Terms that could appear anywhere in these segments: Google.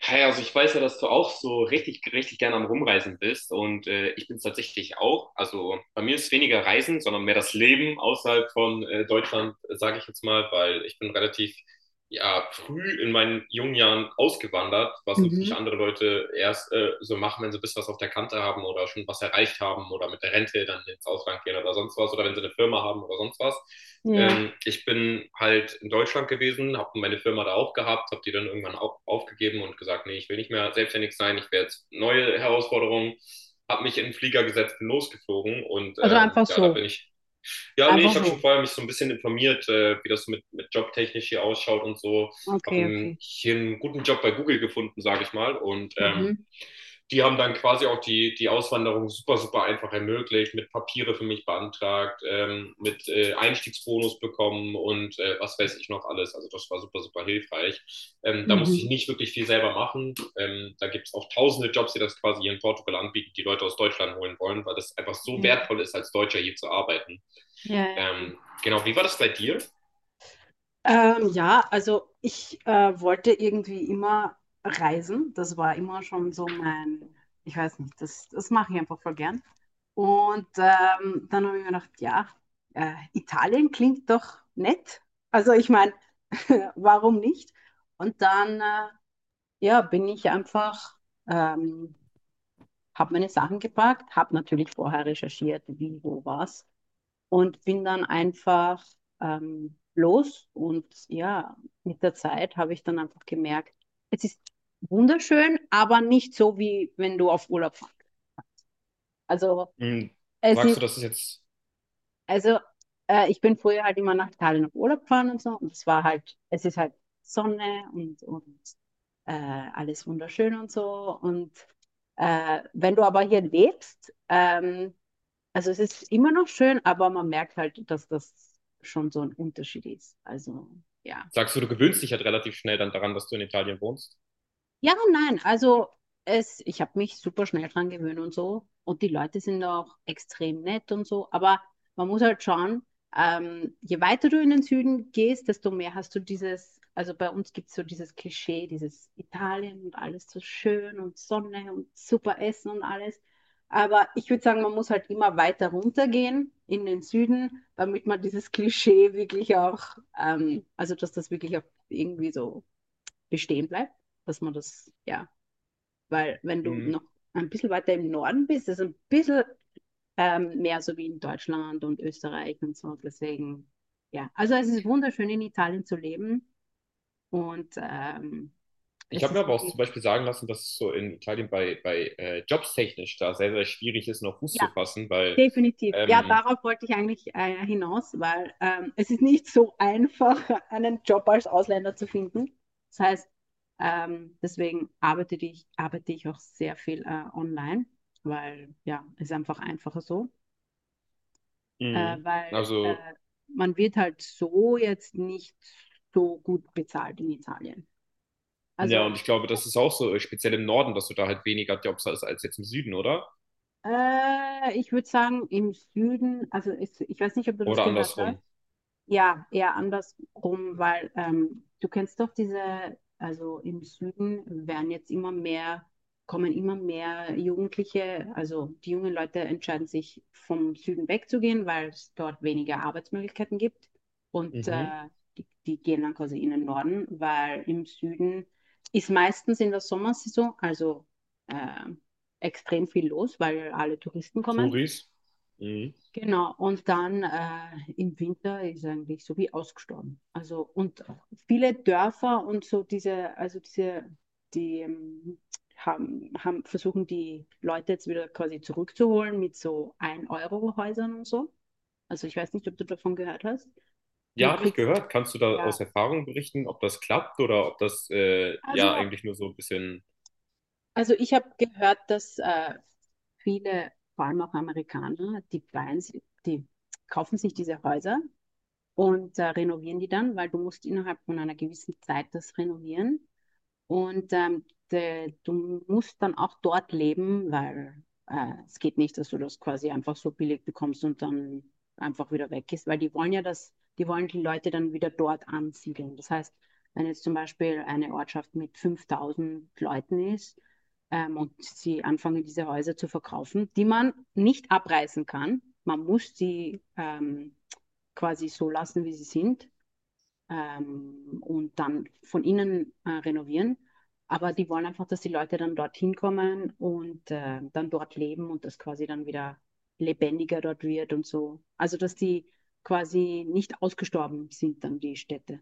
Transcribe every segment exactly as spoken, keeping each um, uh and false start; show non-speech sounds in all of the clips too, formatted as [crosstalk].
Hey, also ich weiß ja, dass du auch so richtig, richtig gerne am Rumreisen bist und äh, ich bin es tatsächlich auch. Also bei mir ist weniger Reisen, sondern mehr das Leben außerhalb von äh, Deutschland, sage ich jetzt mal, weil ich bin relativ ja, früh in meinen jungen Jahren ausgewandert, was natürlich Mhm. andere Leute erst äh, so machen, wenn sie ein bisschen was auf der Kante haben oder schon was erreicht haben oder mit der Rente dann ins Ausland gehen oder sonst was oder wenn sie eine Firma haben oder sonst was. Ja. Ähm, ich bin halt in Deutschland gewesen, habe meine Firma da auch gehabt, habe die dann irgendwann auch aufgegeben und gesagt, nee, ich will nicht mehr selbstständig sein, ich will jetzt neue Herausforderungen, habe mich in den Flieger gesetzt, bin losgeflogen und Also ähm, einfach ja, da so. bin ich ja, nee, Einfach ich habe schon so. vorher mich so ein bisschen informiert, äh, wie das mit, mit, jobtechnisch hier ausschaut und so. Okay, Habe okay. hier einen guten Job bei Google gefunden, sage ich mal. Und ähm, Mhm. die haben dann quasi auch die, die Auswanderung super, super einfach ermöglicht, mit Papiere für mich beantragt, ähm, mit äh, Einstiegsbonus bekommen und äh, was weiß ich noch alles. Also das war super, super hilfreich. Ähm, da musste ich Mhm. nicht wirklich viel selber machen. Ähm, da gibt es auch tausende Jobs, die das quasi hier in Portugal anbieten, die Leute aus Deutschland holen wollen, weil das einfach so Ja, wertvoll ist, als Deutscher hier zu arbeiten. ja, ja. Ähm, genau, wie war das bei dir? Ähm, ja, also ich äh, wollte irgendwie immer reisen. Das war immer schon so mein, ich weiß nicht, das, das mache ich einfach voll gern. Und ähm, dann habe ich mir gedacht, ja, äh, Italien klingt doch nett. Also ich meine, [laughs] warum nicht? Und dann äh, ja, bin ich einfach ähm, habe meine Sachen gepackt, habe natürlich vorher recherchiert, wie, wo, was und bin dann einfach ähm, los. Und ja, mit der Zeit habe ich dann einfach gemerkt, es ist wunderschön, aber nicht so, wie wenn du auf Urlaub fährst. Also Hm, es Sagst du, ist, das ist jetzt, also äh, ich bin früher halt immer nach Italien auf Urlaub gefahren und so und es war halt, es ist halt Sonne und, und äh, alles wunderschön und so und äh, wenn du aber hier lebst, ähm, also es ist immer noch schön, aber man merkt halt, dass das schon so ein Unterschied ist. Also ja. sagst du, du gewöhnst dich halt relativ schnell dann daran, dass du in Italien wohnst? Ja, und nein, also es, ich habe mich super schnell dran gewöhnt und so. Und die Leute sind auch extrem nett und so. Aber man muss halt schauen, ähm, je weiter du in den Süden gehst, desto mehr hast du dieses, also bei uns gibt es so dieses Klischee, dieses Italien und alles so schön und Sonne und super Essen und alles. Aber ich würde sagen, man muss halt immer weiter runtergehen in den Süden, damit man dieses Klischee wirklich auch, ähm, also dass das wirklich auch irgendwie so bestehen bleibt, dass man das, ja, weil wenn du Hm, noch ein bisschen weiter im Norden bist, ist es ein bisschen ähm, mehr so wie in Deutschland und Österreich und so. Deswegen, ja, also es ist wunderschön in Italien zu leben und ähm, Ich es habe mir ist aber auch wirklich, zum Beispiel sagen lassen, dass es so in Italien bei, bei äh, Jobs technisch da sehr, sehr schwierig ist, noch Fuß zu ja, fassen, weil, definitiv. Ja, ähm, darauf wollte ich eigentlich äh, hinaus, weil ähm, es ist nicht so einfach, [laughs] einen Job als Ausländer zu finden. Das heißt, ähm, deswegen arbeite ich, arbeite ich auch sehr viel äh, online, weil ja, ist einfach einfacher so, äh, Mhm. weil also, äh, man wird halt so jetzt nicht so gut bezahlt in Italien. ja, und Also ich glaube, das ist auch so, äh, speziell im Norden, dass du da halt weniger Jobs hast als jetzt im Süden, oder? äh, ich würde sagen, im Süden, also ich, ich weiß nicht, ob du das Oder gehört hast. andersrum. Ja, eher andersrum, weil ähm, du kennst doch diese, also im Süden werden jetzt immer mehr, kommen immer mehr Jugendliche, also die jungen Leute entscheiden sich vom Süden wegzugehen, weil es dort weniger Arbeitsmöglichkeiten gibt und Mhm. äh, die, die gehen dann quasi in den Norden, weil im Süden ist meistens in der Sommersaison, also äh, extrem viel los, weil alle Touristen kommen. Touris. Mhm. Genau, und dann äh, im Winter ist eigentlich so wie ausgestorben. Also, und viele Dörfer und so diese, also diese, die ähm, haben, haben versuchen die Leute jetzt wieder quasi zurückzuholen mit so ein euro häusern und so. Also ich weiß nicht, ob du davon gehört hast. Du Ja, habe ich kriegst gehört. Kannst du da aus ja, Erfahrung berichten, ob das klappt oder ob das äh, ja also, eigentlich nur so ein bisschen. also ich habe gehört, dass äh, viele, vor allem auch Amerikaner, die, bein's- die kaufen sich diese Häuser und äh, renovieren die dann, weil du musst innerhalb von einer gewissen Zeit das renovieren. Und ähm, de, du musst dann auch dort leben, weil äh, es geht nicht, dass du das quasi einfach so billig bekommst und dann einfach wieder weg ist, weil die wollen ja das, die wollen die Leute dann wieder dort ansiedeln. Das heißt, wenn jetzt zum Beispiel eine Ortschaft mit fünftausend Leuten ist ähm, und sie anfangen, diese Häuser zu verkaufen, die man nicht abreißen kann, man muss sie ähm, quasi so lassen, wie sie sind, ähm, und dann von innen äh, renovieren. Aber die wollen einfach, dass die Leute dann dorthin kommen und äh, dann dort leben und das quasi dann wieder lebendiger dort wird und so. Also, dass die quasi nicht ausgestorben sind, dann die Städte.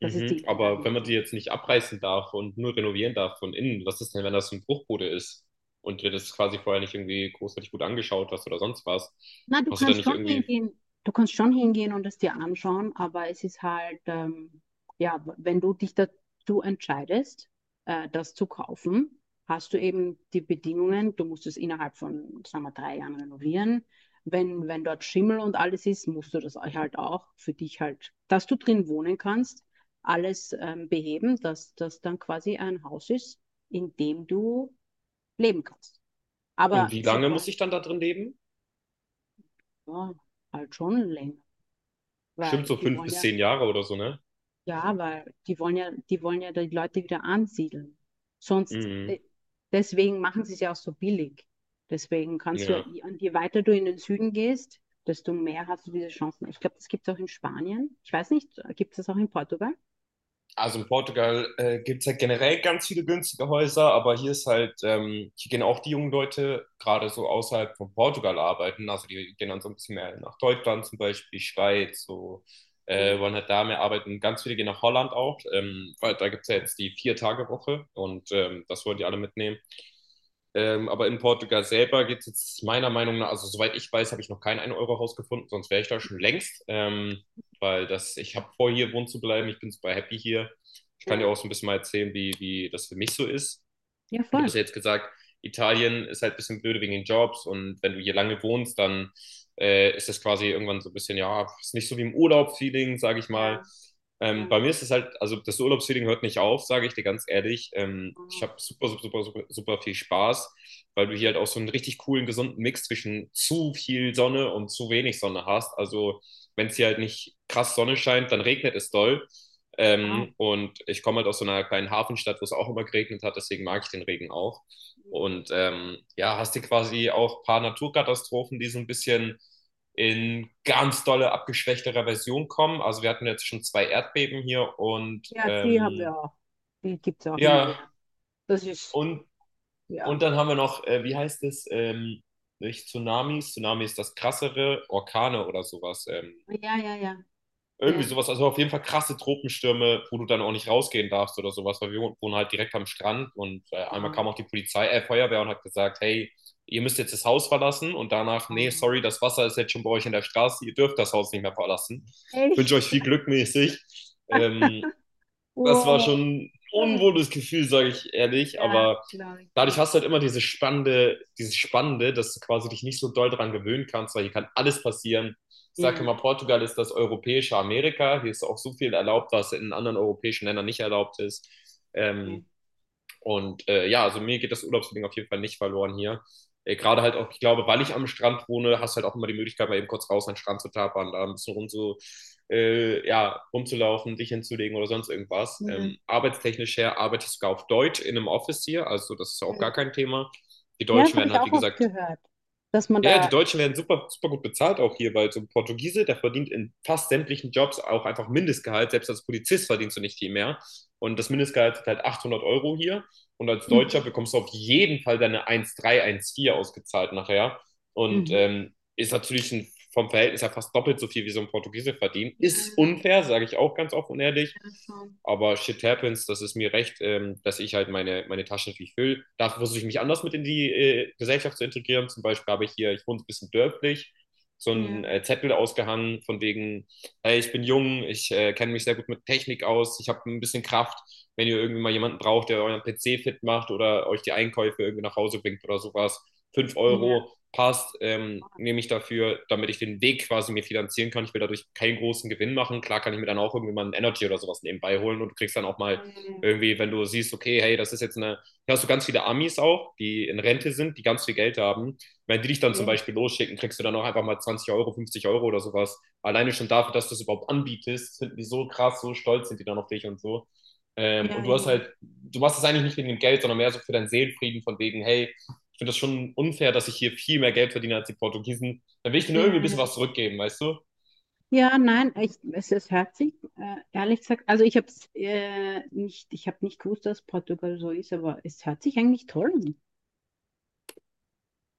Das ist die Idee Aber wenn man die dahinter. jetzt nicht abreißen darf und nur renovieren darf von innen, was ist denn, wenn das ein Bruchbude ist und dir das quasi vorher nicht irgendwie großartig gut angeschaut hast oder sonst was? Na, du Hast du dann kannst nicht schon irgendwie. hingehen, du kannst schon hingehen und es dir anschauen, aber es ist halt, ähm, ja, wenn du dich dazu entscheidest, äh, das zu kaufen, hast du eben die Bedingungen, du musst es innerhalb von, sagen wir, drei Jahren renovieren. Wenn, wenn dort Schimmel und alles ist, musst du das halt auch für dich halt, dass du drin wohnen kannst, alles ähm, beheben, dass das dann quasi ein Haus ist, in dem du leben kannst. Und Aber wie lange sie muss wollen, ich dann da drin leben? ja, halt schon länger, Bestimmt weil so die fünf wollen bis ja, zehn Jahre oder so, ne? ja, weil die wollen ja, die wollen ja die Leute wieder ansiedeln. Sonst, Mhm. äh, deswegen machen sie es ja auch so billig. Deswegen kannst du ja, Ja. je- und je weiter du in den Süden gehst, desto mehr hast du diese Chancen. Ich glaube, das gibt es auch in Spanien. Ich weiß nicht, gibt es das auch in Portugal? Also in Portugal äh, gibt es halt generell ganz viele günstige Häuser, aber hier ist halt, ähm, hier gehen auch die jungen Leute gerade so außerhalb von Portugal arbeiten. Also die gehen dann so ein bisschen mehr nach Deutschland zum Beispiel, Schweiz, so äh, Ja, wollen halt da mehr arbeiten. Ganz viele gehen nach Holland auch, ähm, weil da gibt es ja jetzt die Vier-Tage-Woche und ähm, das wollen die alle mitnehmen. Ähm, aber in Portugal selber gibt es jetzt meiner Meinung nach, also soweit ich weiß, habe ich noch kein ein euro haus gefunden, sonst wäre ich da schon längst. Ähm, weil das, ich habe vor, hier wohnen zu bleiben. Ich bin super happy hier. Ich kann dir auch ja, so ein bisschen mal erzählen, wie, wie das für mich so ist. ja, Du hast voll, ja jetzt gesagt, Italien ist halt ein bisschen blöde wegen den Jobs und wenn du hier lange wohnst, dann äh, ist das quasi irgendwann so ein bisschen, ja, ist nicht so wie im Urlaub-Feeling, sage ich mal. ja, Ähm, ja. Bei mir ist es halt, also das Urlaubsfeeling hört nicht auf, sage ich dir ganz ehrlich. Ähm, ich Wow. habe super, super, super, super, super viel Spaß, weil du hier Ja, halt auch so einen richtig coolen, gesunden Mix zwischen zu viel Sonne und zu wenig Sonne hast. Also wenn es hier halt okay. nicht krass Sonne scheint, dann regnet es doll. Wow. Ähm, und ich komme halt aus so einer kleinen Hafenstadt, wo es auch immer geregnet hat, deswegen mag ich den Regen auch. Mhm. Und ähm, ja, hast du quasi auch ein paar Naturkatastrophen, die so ein bisschen in ganz dolle, abgeschwächterer Version kommen. Also wir hatten jetzt schon zwei Erdbeben hier und Ja, die haben ähm, wir auch. Die gibt es auch immer ja, wieder. Das ist, und, ja, und dann haben wir noch, äh, wie heißt es, ähm, nicht Tsunamis, Tsunami ist das krassere, Orkane oder sowas. Ähm, ja, ja, ja, Irgendwie ja. sowas, also auf jeden Fall krasse Tropenstürme, wo du dann auch nicht rausgehen darfst oder sowas, weil wir wohnen halt direkt am Strand und äh, einmal kam Wow, auch die Polizei, äh, Feuerwehr und hat gesagt, hey, ihr müsst jetzt das Haus verlassen und danach, nee, wow. sorry, das Wasser ist jetzt schon bei euch in der Straße, ihr dürft das Haus nicht mehr verlassen. Wünsche euch Echt? viel Glück mäßig. Ähm, Das war schon Oh, ein unwohles Gefühl, sage ich ehrlich, ja, aber glaube ich dadurch dir. hast du halt immer diese spannende, dieses Spannende, dass du quasi dich nicht so doll dran gewöhnen kannst, weil hier kann alles passieren. Ich sage Ja, immer, Portugal ist das europäische Amerika. Hier ist auch so viel erlaubt, was in anderen europäischen Ländern nicht erlaubt ist. Ähm, okay. und äh, ja, also mir geht das Urlaubsding auf jeden Fall nicht verloren hier. Äh, Gerade halt auch, ich glaube, weil ich am Strand wohne, hast du halt auch immer die Möglichkeit, mal eben kurz raus an den Strand zu tapern, da ein bisschen rum zu, äh, ja, rumzulaufen, dich hinzulegen oder sonst irgendwas. Ja, Ähm, arbeitstechnisch her arbeite ich sogar auf Deutsch in einem Office hier, also das ist auch gar hm. kein Thema. Die Ja, das Deutschen habe werden ich halt, wie auch oft gesagt, gehört, dass man ja, ja, die da. Deutschen werden super, super gut bezahlt auch hier, weil so ein Portugiese, der verdient in fast sämtlichen Jobs auch einfach Mindestgehalt. Selbst als Polizist verdienst du nicht viel mehr. Und das Ja, Mindestgehalt ist halt achthundert Euro hier. Und als Deutscher mhm. bekommst du auf jeden Fall deine eins Komma drei, vier ausgezahlt nachher. Und Mhm. ähm, ist natürlich ein, vom Verhältnis her fast doppelt so viel, wie so ein Portugiese verdient. Ja, Ist ja, unfair, sage ich auch ganz offen und ehrlich. ja, schon. Aber shit happens, das ist mir recht, ähm, dass ich halt meine, meine Taschen natürlich fülle. Da versuche ich mich Ja, anders mit in die äh, Gesellschaft zu integrieren. Zum Beispiel habe ich hier, ich wohne ein bisschen dörflich, so einen ja, äh, Zettel ausgehangen, von wegen, hey, ich bin jung, ich äh, kenne mich sehr gut mit Technik aus, ich habe ein bisschen Kraft. Wenn ihr irgendwie mal jemanden braucht, der euren P C fit macht oder euch die Einkäufe irgendwie nach Hause bringt oder sowas, fünf ja. Euro, passt, ähm, Oh, nehme ich dafür, damit ich den Weg quasi mir finanzieren kann. Ich will dadurch keinen großen Gewinn machen. Klar kann ich mir dann auch irgendwie mal einen Energy oder sowas nebenbei holen und du kriegst dann auch ja, mal ja, irgendwie, wenn du siehst, okay, hey, das ist jetzt eine, hier hast du ganz viele Amis auch, die in Rente sind, die ganz viel Geld haben. Wenn die dich dann ja. zum Beispiel Echt. losschicken, kriegst du dann auch einfach mal zwanzig Euro, fünfzig Euro oder sowas. Alleine schon dafür, dass du es überhaupt anbietest, finden die so krass, so stolz sind die dann auf dich und so. Ähm, Ja, Und du ja, hast halt, du machst es eigentlich nicht wegen dem Geld, sondern mehr so für deinen Seelenfrieden von wegen, hey, ich finde das schon unfair, dass ich hier viel mehr Geld verdiene als die Portugiesen. Dann will ich denen ja, irgendwie ein ja, bisschen ja. was zurückgeben, weißt du? Ja, nein, ich, es ist herzig, äh, ehrlich gesagt. Also ich habe es äh, nicht, ich habe nicht gewusst, dass Portugal so ist, aber es hört sich eigentlich toll an.